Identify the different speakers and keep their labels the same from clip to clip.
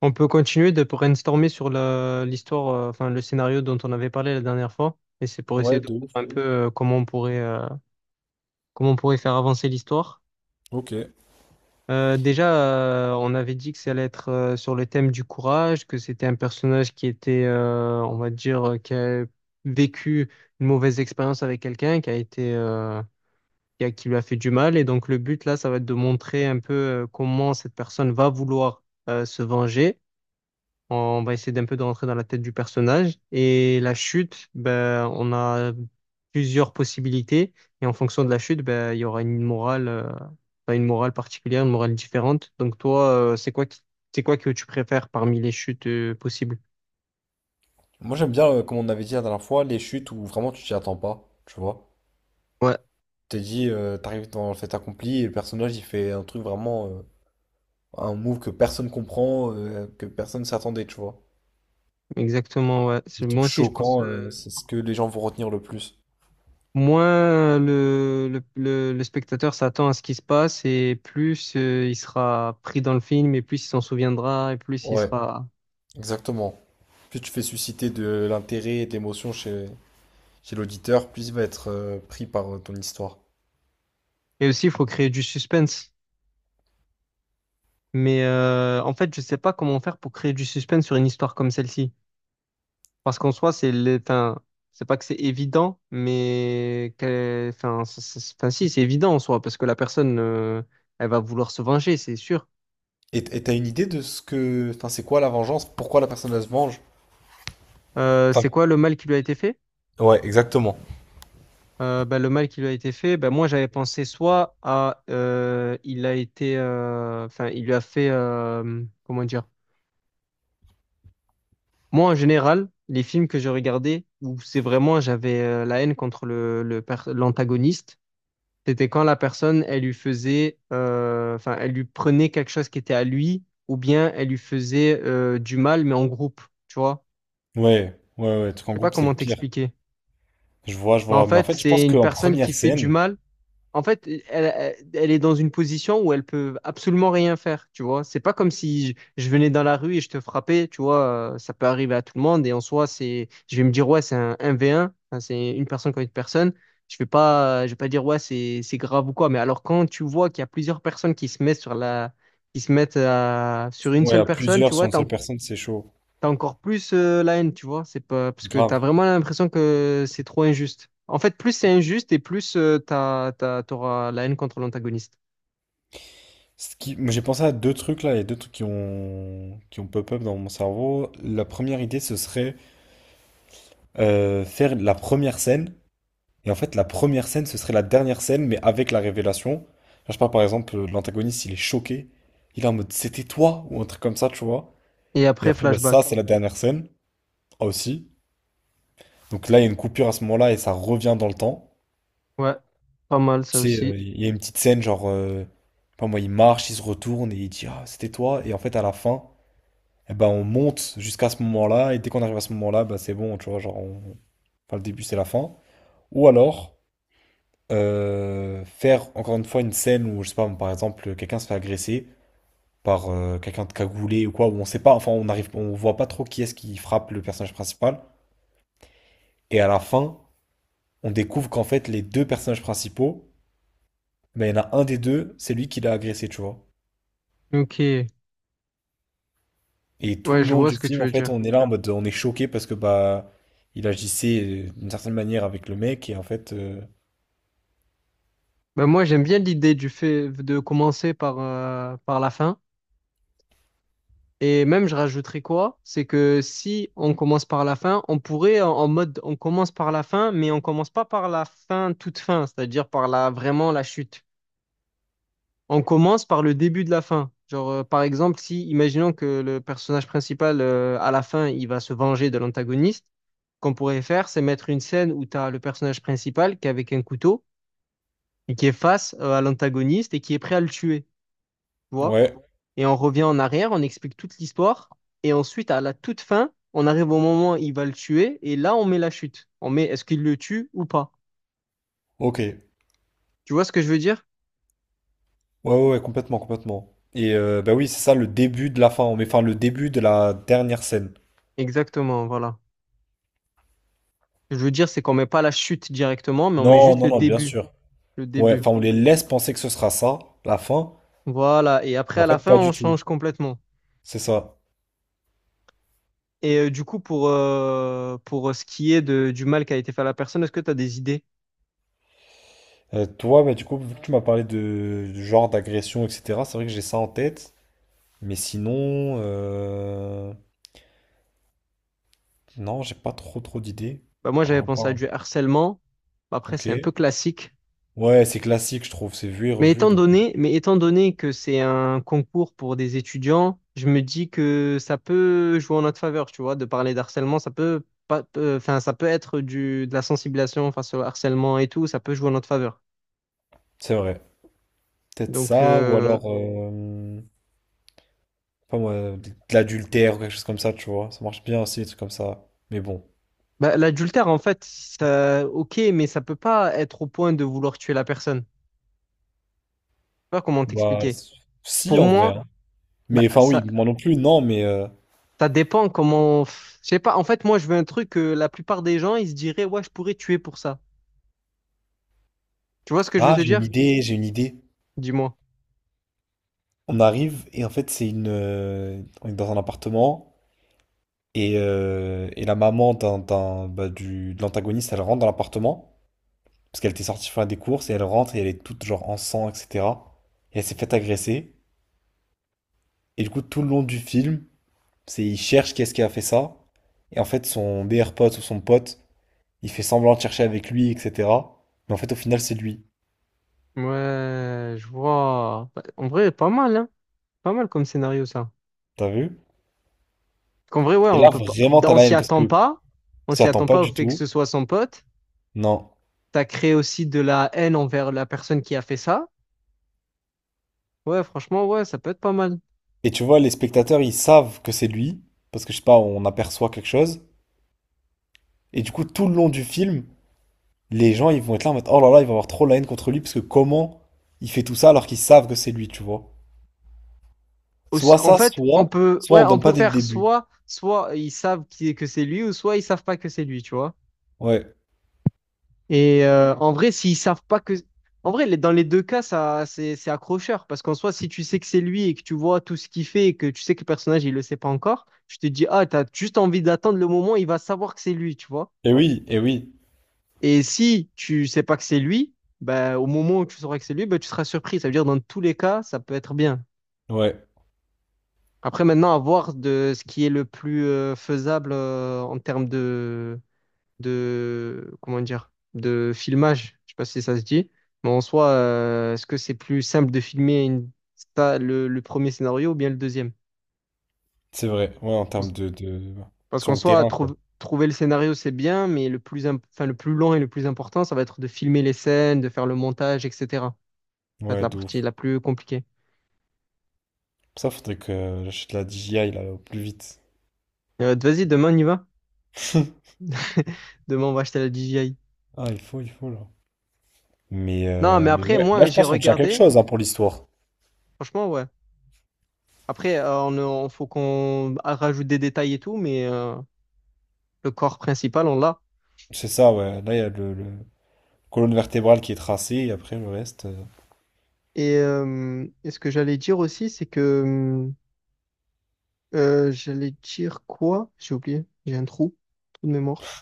Speaker 1: On peut continuer de brainstormer sur l'histoire, enfin le scénario dont on avait parlé la dernière fois. Et c'est pour essayer
Speaker 2: Ouais,
Speaker 1: de
Speaker 2: de ouf.
Speaker 1: voir un peu comment on pourrait faire avancer l'histoire.
Speaker 2: Ok.
Speaker 1: Déjà, on avait dit que ça allait être sur le thème du courage, que c'était un personnage qui était, on va dire, qui a vécu une mauvaise expérience avec quelqu'un, qui a été, qui lui a fait du mal. Et donc le but là, ça va être de montrer un peu comment cette personne va vouloir se venger. On va essayer d'un peu de rentrer dans la tête du personnage. Et la chute, ben, on a plusieurs possibilités. Et en fonction de la chute, ben, il y aura une morale, enfin, une morale particulière, une morale différente. Donc toi, c'est quoi que tu préfères parmi les chutes, possibles?
Speaker 2: Moi j'aime bien, comme on avait dit la dernière fois, les chutes où vraiment tu t'y attends pas, tu vois.
Speaker 1: Ouais,
Speaker 2: T'es dit, t'arrives dans le fait accompli et le personnage il fait un truc vraiment, un move que personne comprend, que personne s'attendait, tu vois.
Speaker 1: exactement, ouais.
Speaker 2: Des trucs
Speaker 1: Moi aussi, je pense,
Speaker 2: choquants, c'est ce que les gens vont retenir le plus.
Speaker 1: moins le, le spectateur s'attend à ce qui se passe et plus, il sera pris dans le film et plus il s'en souviendra et plus il
Speaker 2: Ouais,
Speaker 1: sera...
Speaker 2: exactement. Plus tu fais susciter de l'intérêt et de l'émotion chez, chez l'auditeur, plus il va être pris par ton histoire.
Speaker 1: Et aussi, il faut créer du suspense. Mais en fait, je sais pas comment faire pour créer du suspense sur une histoire comme celle-ci. Parce qu'en soi, enfin, c'est pas que c'est évident, enfin, enfin, si, c'est évident en soi, parce que la personne, elle va vouloir se venger, c'est sûr.
Speaker 2: Et t'as une idée de ce que... Enfin, c'est quoi la vengeance? Pourquoi la personne elle se venge?
Speaker 1: C'est
Speaker 2: Enfin,
Speaker 1: quoi le mal qui lui a été fait?
Speaker 2: ouais, exactement.
Speaker 1: Ben, le mal qui lui a été fait, ben, moi j'avais pensé soit à il a été, enfin, il lui a fait, comment dire? Moi, en général, les films que je regardais où c'est vraiment j'avais la haine contre le, l'antagoniste, c'était quand la personne, elle lui faisait, enfin, elle lui prenait quelque chose qui était à lui, ou bien elle lui faisait du mal, mais en groupe, tu vois.
Speaker 2: Ouais, ouais, ouais, truc
Speaker 1: Je
Speaker 2: en
Speaker 1: sais pas
Speaker 2: groupe, c'est le
Speaker 1: comment
Speaker 2: pire.
Speaker 1: t'expliquer.
Speaker 2: Je vois, je
Speaker 1: Mais en
Speaker 2: vois. Mais en
Speaker 1: fait,
Speaker 2: fait, je pense
Speaker 1: c'est une
Speaker 2: qu'en
Speaker 1: personne
Speaker 2: première
Speaker 1: qui fait du
Speaker 2: scène,
Speaker 1: mal. En fait, elle, elle- est dans une position où elle peut absolument rien faire, tu vois. C'est pas comme si je venais dans la rue et je te frappais, tu vois. Ça peut arriver à tout le monde et en soi, je vais me dire, ouais, c'est un 1 v un. Hein, c'est une personne contre une personne. Je vais pas dire, ouais, c'est grave ou quoi. Mais alors, quand tu vois qu'il y a plusieurs personnes qui se mettent sur qui se sur une
Speaker 2: ouais,
Speaker 1: seule
Speaker 2: à
Speaker 1: personne,
Speaker 2: plusieurs
Speaker 1: tu
Speaker 2: sur
Speaker 1: vois,
Speaker 2: une seule personne, c'est chaud.
Speaker 1: t'as encore plus la haine, tu vois. C'est pas parce que t'as
Speaker 2: Grave.
Speaker 1: vraiment l'impression que c'est trop injuste. En fait, plus c'est injuste et plus t'auras la haine contre l'antagoniste.
Speaker 2: Ce qui... moi, j'ai pensé à deux trucs là, il y a deux trucs qui ont pop-up dans mon cerveau. La première idée, ce serait faire la première scène. Et en fait, la première scène, ce serait la dernière scène, mais avec la révélation. Là, je parle par exemple, l'antagoniste, il est choqué. Il est en mode, c'était toi, ou un truc comme ça, tu vois.
Speaker 1: Et
Speaker 2: Et
Speaker 1: après,
Speaker 2: après, bah, ça,
Speaker 1: flashback.
Speaker 2: c'est la dernière scène, aussi. Donc là, il y a une coupure à ce moment-là, et ça revient dans le temps.
Speaker 1: Ouais, pas mal ça
Speaker 2: Tu sais,
Speaker 1: aussi.
Speaker 2: il y a une petite scène, genre, je sais pas moi, il marche, il se retourne, et il dit, ah, c'était toi. Et en fait, à la fin, eh ben, on monte jusqu'à ce moment-là, et dès qu'on arrive à ce moment-là, bah, c'est bon, tu vois, genre, on... enfin, le début, c'est la fin. Ou alors, faire encore une fois une scène où, je sais pas, par exemple, quelqu'un se fait agresser par quelqu'un de cagoulé ou quoi, où on sait pas, enfin, on arrive, on voit pas trop qui est-ce qui frappe le personnage principal. Et à la fin, on découvre qu'en fait, les deux personnages principaux, ben, il y en a un des deux, c'est lui qui l'a agressé, tu vois.
Speaker 1: Ok,
Speaker 2: Et tout
Speaker 1: ouais,
Speaker 2: le
Speaker 1: je
Speaker 2: long
Speaker 1: vois
Speaker 2: du
Speaker 1: ce que tu
Speaker 2: film, en
Speaker 1: veux
Speaker 2: fait,
Speaker 1: dire.
Speaker 2: on est là en mode, on est choqué parce que, bah, il agissait d'une certaine manière avec le mec et en fait,
Speaker 1: Ben moi, j'aime bien l'idée du fait de commencer par, par la fin. Et même, je rajouterais quoi? C'est que si on commence par la fin, on pourrait en, en mode on commence par la fin, mais on commence pas par la fin toute fin, c'est-à-dire par la vraiment la chute. On commence par le début de la fin. Genre, par exemple, si, imaginons que le personnage principal, à la fin, il va se venger de l'antagoniste, qu'on pourrait faire, c'est mettre une scène où tu as le personnage principal qui est avec un couteau et qui est face, à l'antagoniste et qui est prêt à le tuer, tu vois?
Speaker 2: ouais,
Speaker 1: Et on revient en arrière, on explique toute l'histoire et ensuite, à la toute fin, on arrive au moment où il va le tuer et là, on met la chute. On met est-ce qu'il le tue ou pas?
Speaker 2: ok.
Speaker 1: Tu vois ce que je veux dire?
Speaker 2: Ouais, ouais, ouais, complètement, complètement. Et bah oui, c'est ça le début de la fin, mais enfin le début de la dernière scène.
Speaker 1: Exactement, voilà. Ce que je veux dire, c'est qu'on met pas la chute directement, mais on met
Speaker 2: Non,
Speaker 1: juste
Speaker 2: non,
Speaker 1: le
Speaker 2: non, bien
Speaker 1: début.
Speaker 2: sûr.
Speaker 1: Le
Speaker 2: Ouais,
Speaker 1: début.
Speaker 2: enfin on les laisse penser que ce sera ça, la fin,
Speaker 1: Voilà, et
Speaker 2: mais
Speaker 1: après
Speaker 2: en
Speaker 1: à la
Speaker 2: fait
Speaker 1: fin,
Speaker 2: pas du
Speaker 1: on
Speaker 2: tout.
Speaker 1: change complètement.
Speaker 2: C'est ça.
Speaker 1: Et du coup, pour ce qui est de, du mal qui a été fait à la personne, est-ce que tu as des idées?
Speaker 2: Toi, bah du coup, vu que tu m'as parlé de du genre d'agression, etc., c'est vrai que j'ai ça en tête, mais sinon, non, j'ai pas trop trop d'idées.
Speaker 1: Bah, moi, j'avais
Speaker 2: Enfin, pas-
Speaker 1: pensé à
Speaker 2: hein.
Speaker 1: du harcèlement. Bah, après,
Speaker 2: Ok.
Speaker 1: c'est un peu classique.
Speaker 2: Ouais, c'est classique, je trouve, c'est vu et revu, donc
Speaker 1: Mais étant donné que c'est un concours pour des étudiants, je me dis que ça peut jouer en notre faveur, tu vois, de parler d'harcèlement, ça peut pas, enfin, ça peut être du, de la sensibilisation face au harcèlement et tout, ça peut jouer en notre faveur.
Speaker 2: c'est vrai. Peut-être
Speaker 1: Donc,
Speaker 2: ça, ou alors... pas moi, de l'adultère ou quelque chose comme ça, tu vois. Ça marche bien aussi, des trucs comme ça. Mais bon,
Speaker 1: bah, l'adultère, en fait, ça, ok, mais ça peut pas être au point de vouloir tuer la personne. Je sais pas comment
Speaker 2: bah,
Speaker 1: t'expliquer.
Speaker 2: si
Speaker 1: Pour
Speaker 2: en vrai.
Speaker 1: moi,
Speaker 2: Hein.
Speaker 1: bah,
Speaker 2: Mais enfin, oui,
Speaker 1: ça,
Speaker 2: moi non plus, non, mais.
Speaker 1: ça dépend comment. Je sais pas. En fait, moi, je veux un truc que la plupart des gens, ils se diraient, ouais, je pourrais tuer pour ça. Tu vois ce que je veux
Speaker 2: Ah,
Speaker 1: te
Speaker 2: j'ai une
Speaker 1: dire?
Speaker 2: idée, j'ai une idée.
Speaker 1: Dis-moi.
Speaker 2: On arrive et en fait, c'est une. On est dans un appartement et la maman d'un, bah, du, de l'antagoniste, elle rentre dans l'appartement parce qu'elle était sortie faire des courses et elle rentre et elle est toute genre en sang, etc. Et elle s'est faite agresser. Et du coup, tout le long du film, c'est il cherche est ce qui a fait ça. Et en fait, son meilleur pote ou son pote. Il fait semblant de chercher avec lui, etc. Mais en fait, au final, c'est lui.
Speaker 1: Ouais, je vois. Bah, en vrai, pas mal, hein. Pas mal comme scénario, ça.
Speaker 2: T'as vu?
Speaker 1: Qu'en vrai, ouais,
Speaker 2: Et
Speaker 1: on
Speaker 2: là,
Speaker 1: peut pas.
Speaker 2: vraiment, t'as
Speaker 1: On
Speaker 2: la
Speaker 1: s'y
Speaker 2: haine parce
Speaker 1: attend
Speaker 2: que
Speaker 1: pas. On
Speaker 2: ça
Speaker 1: s'y
Speaker 2: attend
Speaker 1: attend
Speaker 2: pas
Speaker 1: pas au
Speaker 2: du
Speaker 1: fait que
Speaker 2: tout.
Speaker 1: ce soit son pote.
Speaker 2: Non.
Speaker 1: T'as créé aussi de la haine envers la personne qui a fait ça. Ouais, franchement, ouais, ça peut être pas mal.
Speaker 2: Et tu vois, les spectateurs, ils savent que c'est lui. Parce que je sais pas, on aperçoit quelque chose. Et du coup, tout le long du film, les gens, ils vont être là en mode, oh là là, il va avoir trop la haine contre lui. Parce que comment il fait tout ça alors qu'ils savent que c'est lui, tu vois? Soit
Speaker 1: En
Speaker 2: ça,
Speaker 1: fait, on
Speaker 2: soit,
Speaker 1: peut,
Speaker 2: soit
Speaker 1: ouais,
Speaker 2: on
Speaker 1: on
Speaker 2: donne
Speaker 1: peut
Speaker 2: pas dès le
Speaker 1: faire
Speaker 2: début.
Speaker 1: soit, que c'est lui, ou soit ils savent pas que c'est lui, tu vois.
Speaker 2: Ouais.
Speaker 1: Et en vrai, s'ils savent pas que, en vrai, dans les deux cas, ça, c'est accrocheur, parce qu'en soi, si tu sais que c'est lui et que tu vois tout ce qu'il fait et que tu sais que le personnage il le sait pas encore, tu te dis ah, t'as juste envie d'attendre le moment où il va savoir que c'est lui, tu vois.
Speaker 2: Et oui, et oui.
Speaker 1: Et si tu sais pas que c'est lui, ben au moment où tu sauras que c'est lui, ben tu seras surpris. Ça veut dire dans tous les cas, ça peut être bien.
Speaker 2: Ouais.
Speaker 1: Après, maintenant, à voir de ce qui est le plus faisable en termes de, comment dire, de filmage. Je sais pas si ça se dit, mais en soi, est-ce que c'est plus simple de filmer une, le premier scénario ou bien le deuxième?
Speaker 2: C'est vrai. Ouais, en termes
Speaker 1: Parce
Speaker 2: de...
Speaker 1: parce
Speaker 2: Sur
Speaker 1: qu'en
Speaker 2: le
Speaker 1: soi,
Speaker 2: terrain, quoi.
Speaker 1: trouver le scénario, c'est bien, mais le plus, enfin, le plus long et le plus important, ça va être de filmer les scènes, de faire le montage, etc. Ça va être
Speaker 2: Ouais,
Speaker 1: la
Speaker 2: de
Speaker 1: partie
Speaker 2: ouf.
Speaker 1: la plus compliquée.
Speaker 2: Ça, faudrait que j'achète la DJI là, au plus vite.
Speaker 1: Vas-y, demain, on y va. Demain, on va acheter la DJI.
Speaker 2: Ah, il faut là.
Speaker 1: Non, mais
Speaker 2: Mais
Speaker 1: après,
Speaker 2: ouais, là,
Speaker 1: moi,
Speaker 2: je
Speaker 1: j'ai
Speaker 2: pense qu'on tient quelque
Speaker 1: regardé.
Speaker 2: chose hein, pour l'histoire.
Speaker 1: Franchement, ouais. Après, faut qu'on rajoute des détails et tout, mais le corps principal, on l'a.
Speaker 2: C'est ça, ouais. Là, il y a le colonne vertébrale qui est tracée et après le reste,
Speaker 1: Et ce que j'allais dire aussi, c'est que j'allais dire quoi? J'ai oublié, trou de mémoire.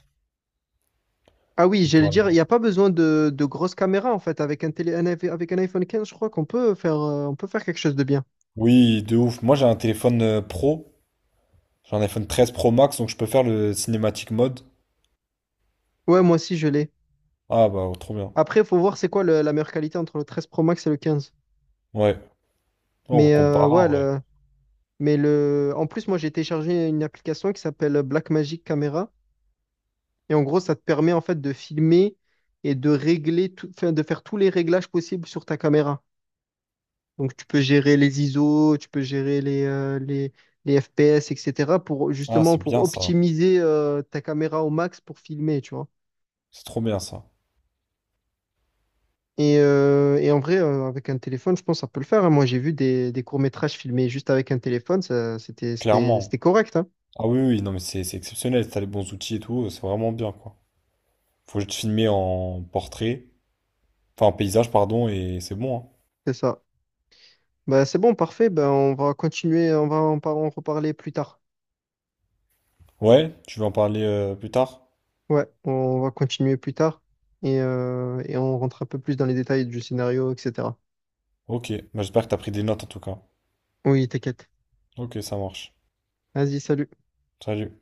Speaker 1: Ah oui,
Speaker 2: on
Speaker 1: j'allais
Speaker 2: parle.
Speaker 1: dire, il n'y a pas besoin de grosses caméras en fait. Avec un télé, avec un iPhone 15, je crois qu'on peut faire, on peut faire quelque chose de bien.
Speaker 2: Oui, de ouf. Moi, j'ai un téléphone pro. J'ai un iPhone 13 Pro Max, donc je peux faire le cinématique mode.
Speaker 1: Ouais, moi aussi, je l'ai.
Speaker 2: Ah, bah, oh, trop bien.
Speaker 1: Après, il faut voir c'est quoi la meilleure qualité entre le 13 Pro Max et le 15.
Speaker 2: Ouais. On
Speaker 1: Mais ouais,
Speaker 2: comparera, ouais.
Speaker 1: mais le, en plus, moi, j'ai téléchargé une application qui s'appelle Blackmagic Camera. Et en gros, ça te permet en fait de filmer et de régler tout, enfin, de faire tous les réglages possibles sur ta caméra. Donc tu peux gérer les ISO, tu peux gérer les FPS, etc. pour
Speaker 2: Ah,
Speaker 1: justement
Speaker 2: c'est
Speaker 1: pour
Speaker 2: bien ça.
Speaker 1: optimiser ta caméra au max pour filmer, tu vois.
Speaker 2: C'est trop bien ça.
Speaker 1: Et en vrai, avec un téléphone, je pense que ça peut le faire. Hein. Moi, j'ai vu des courts-métrages filmés juste avec un téléphone, ça,
Speaker 2: Clairement.
Speaker 1: c'était correct, hein.
Speaker 2: Ah oui, oui, non, mais c'est exceptionnel. T'as les bons outils et tout, c'est vraiment bien, quoi. Faut juste filmer en portrait. Enfin, un paysage, pardon, et c'est bon, hein.
Speaker 1: C'est ça. Bah, c'est bon, parfait. Ben, on va continuer, on va en en reparler plus tard.
Speaker 2: Ouais, tu veux en parler plus tard?
Speaker 1: Ouais, on va continuer plus tard et on rentre un peu plus dans les détails du scénario, etc.
Speaker 2: Ok, bah, j'espère que t'as pris des notes en tout cas.
Speaker 1: Oui, t'inquiète.
Speaker 2: Ok, ça marche.
Speaker 1: Vas-y, salut.
Speaker 2: Salut.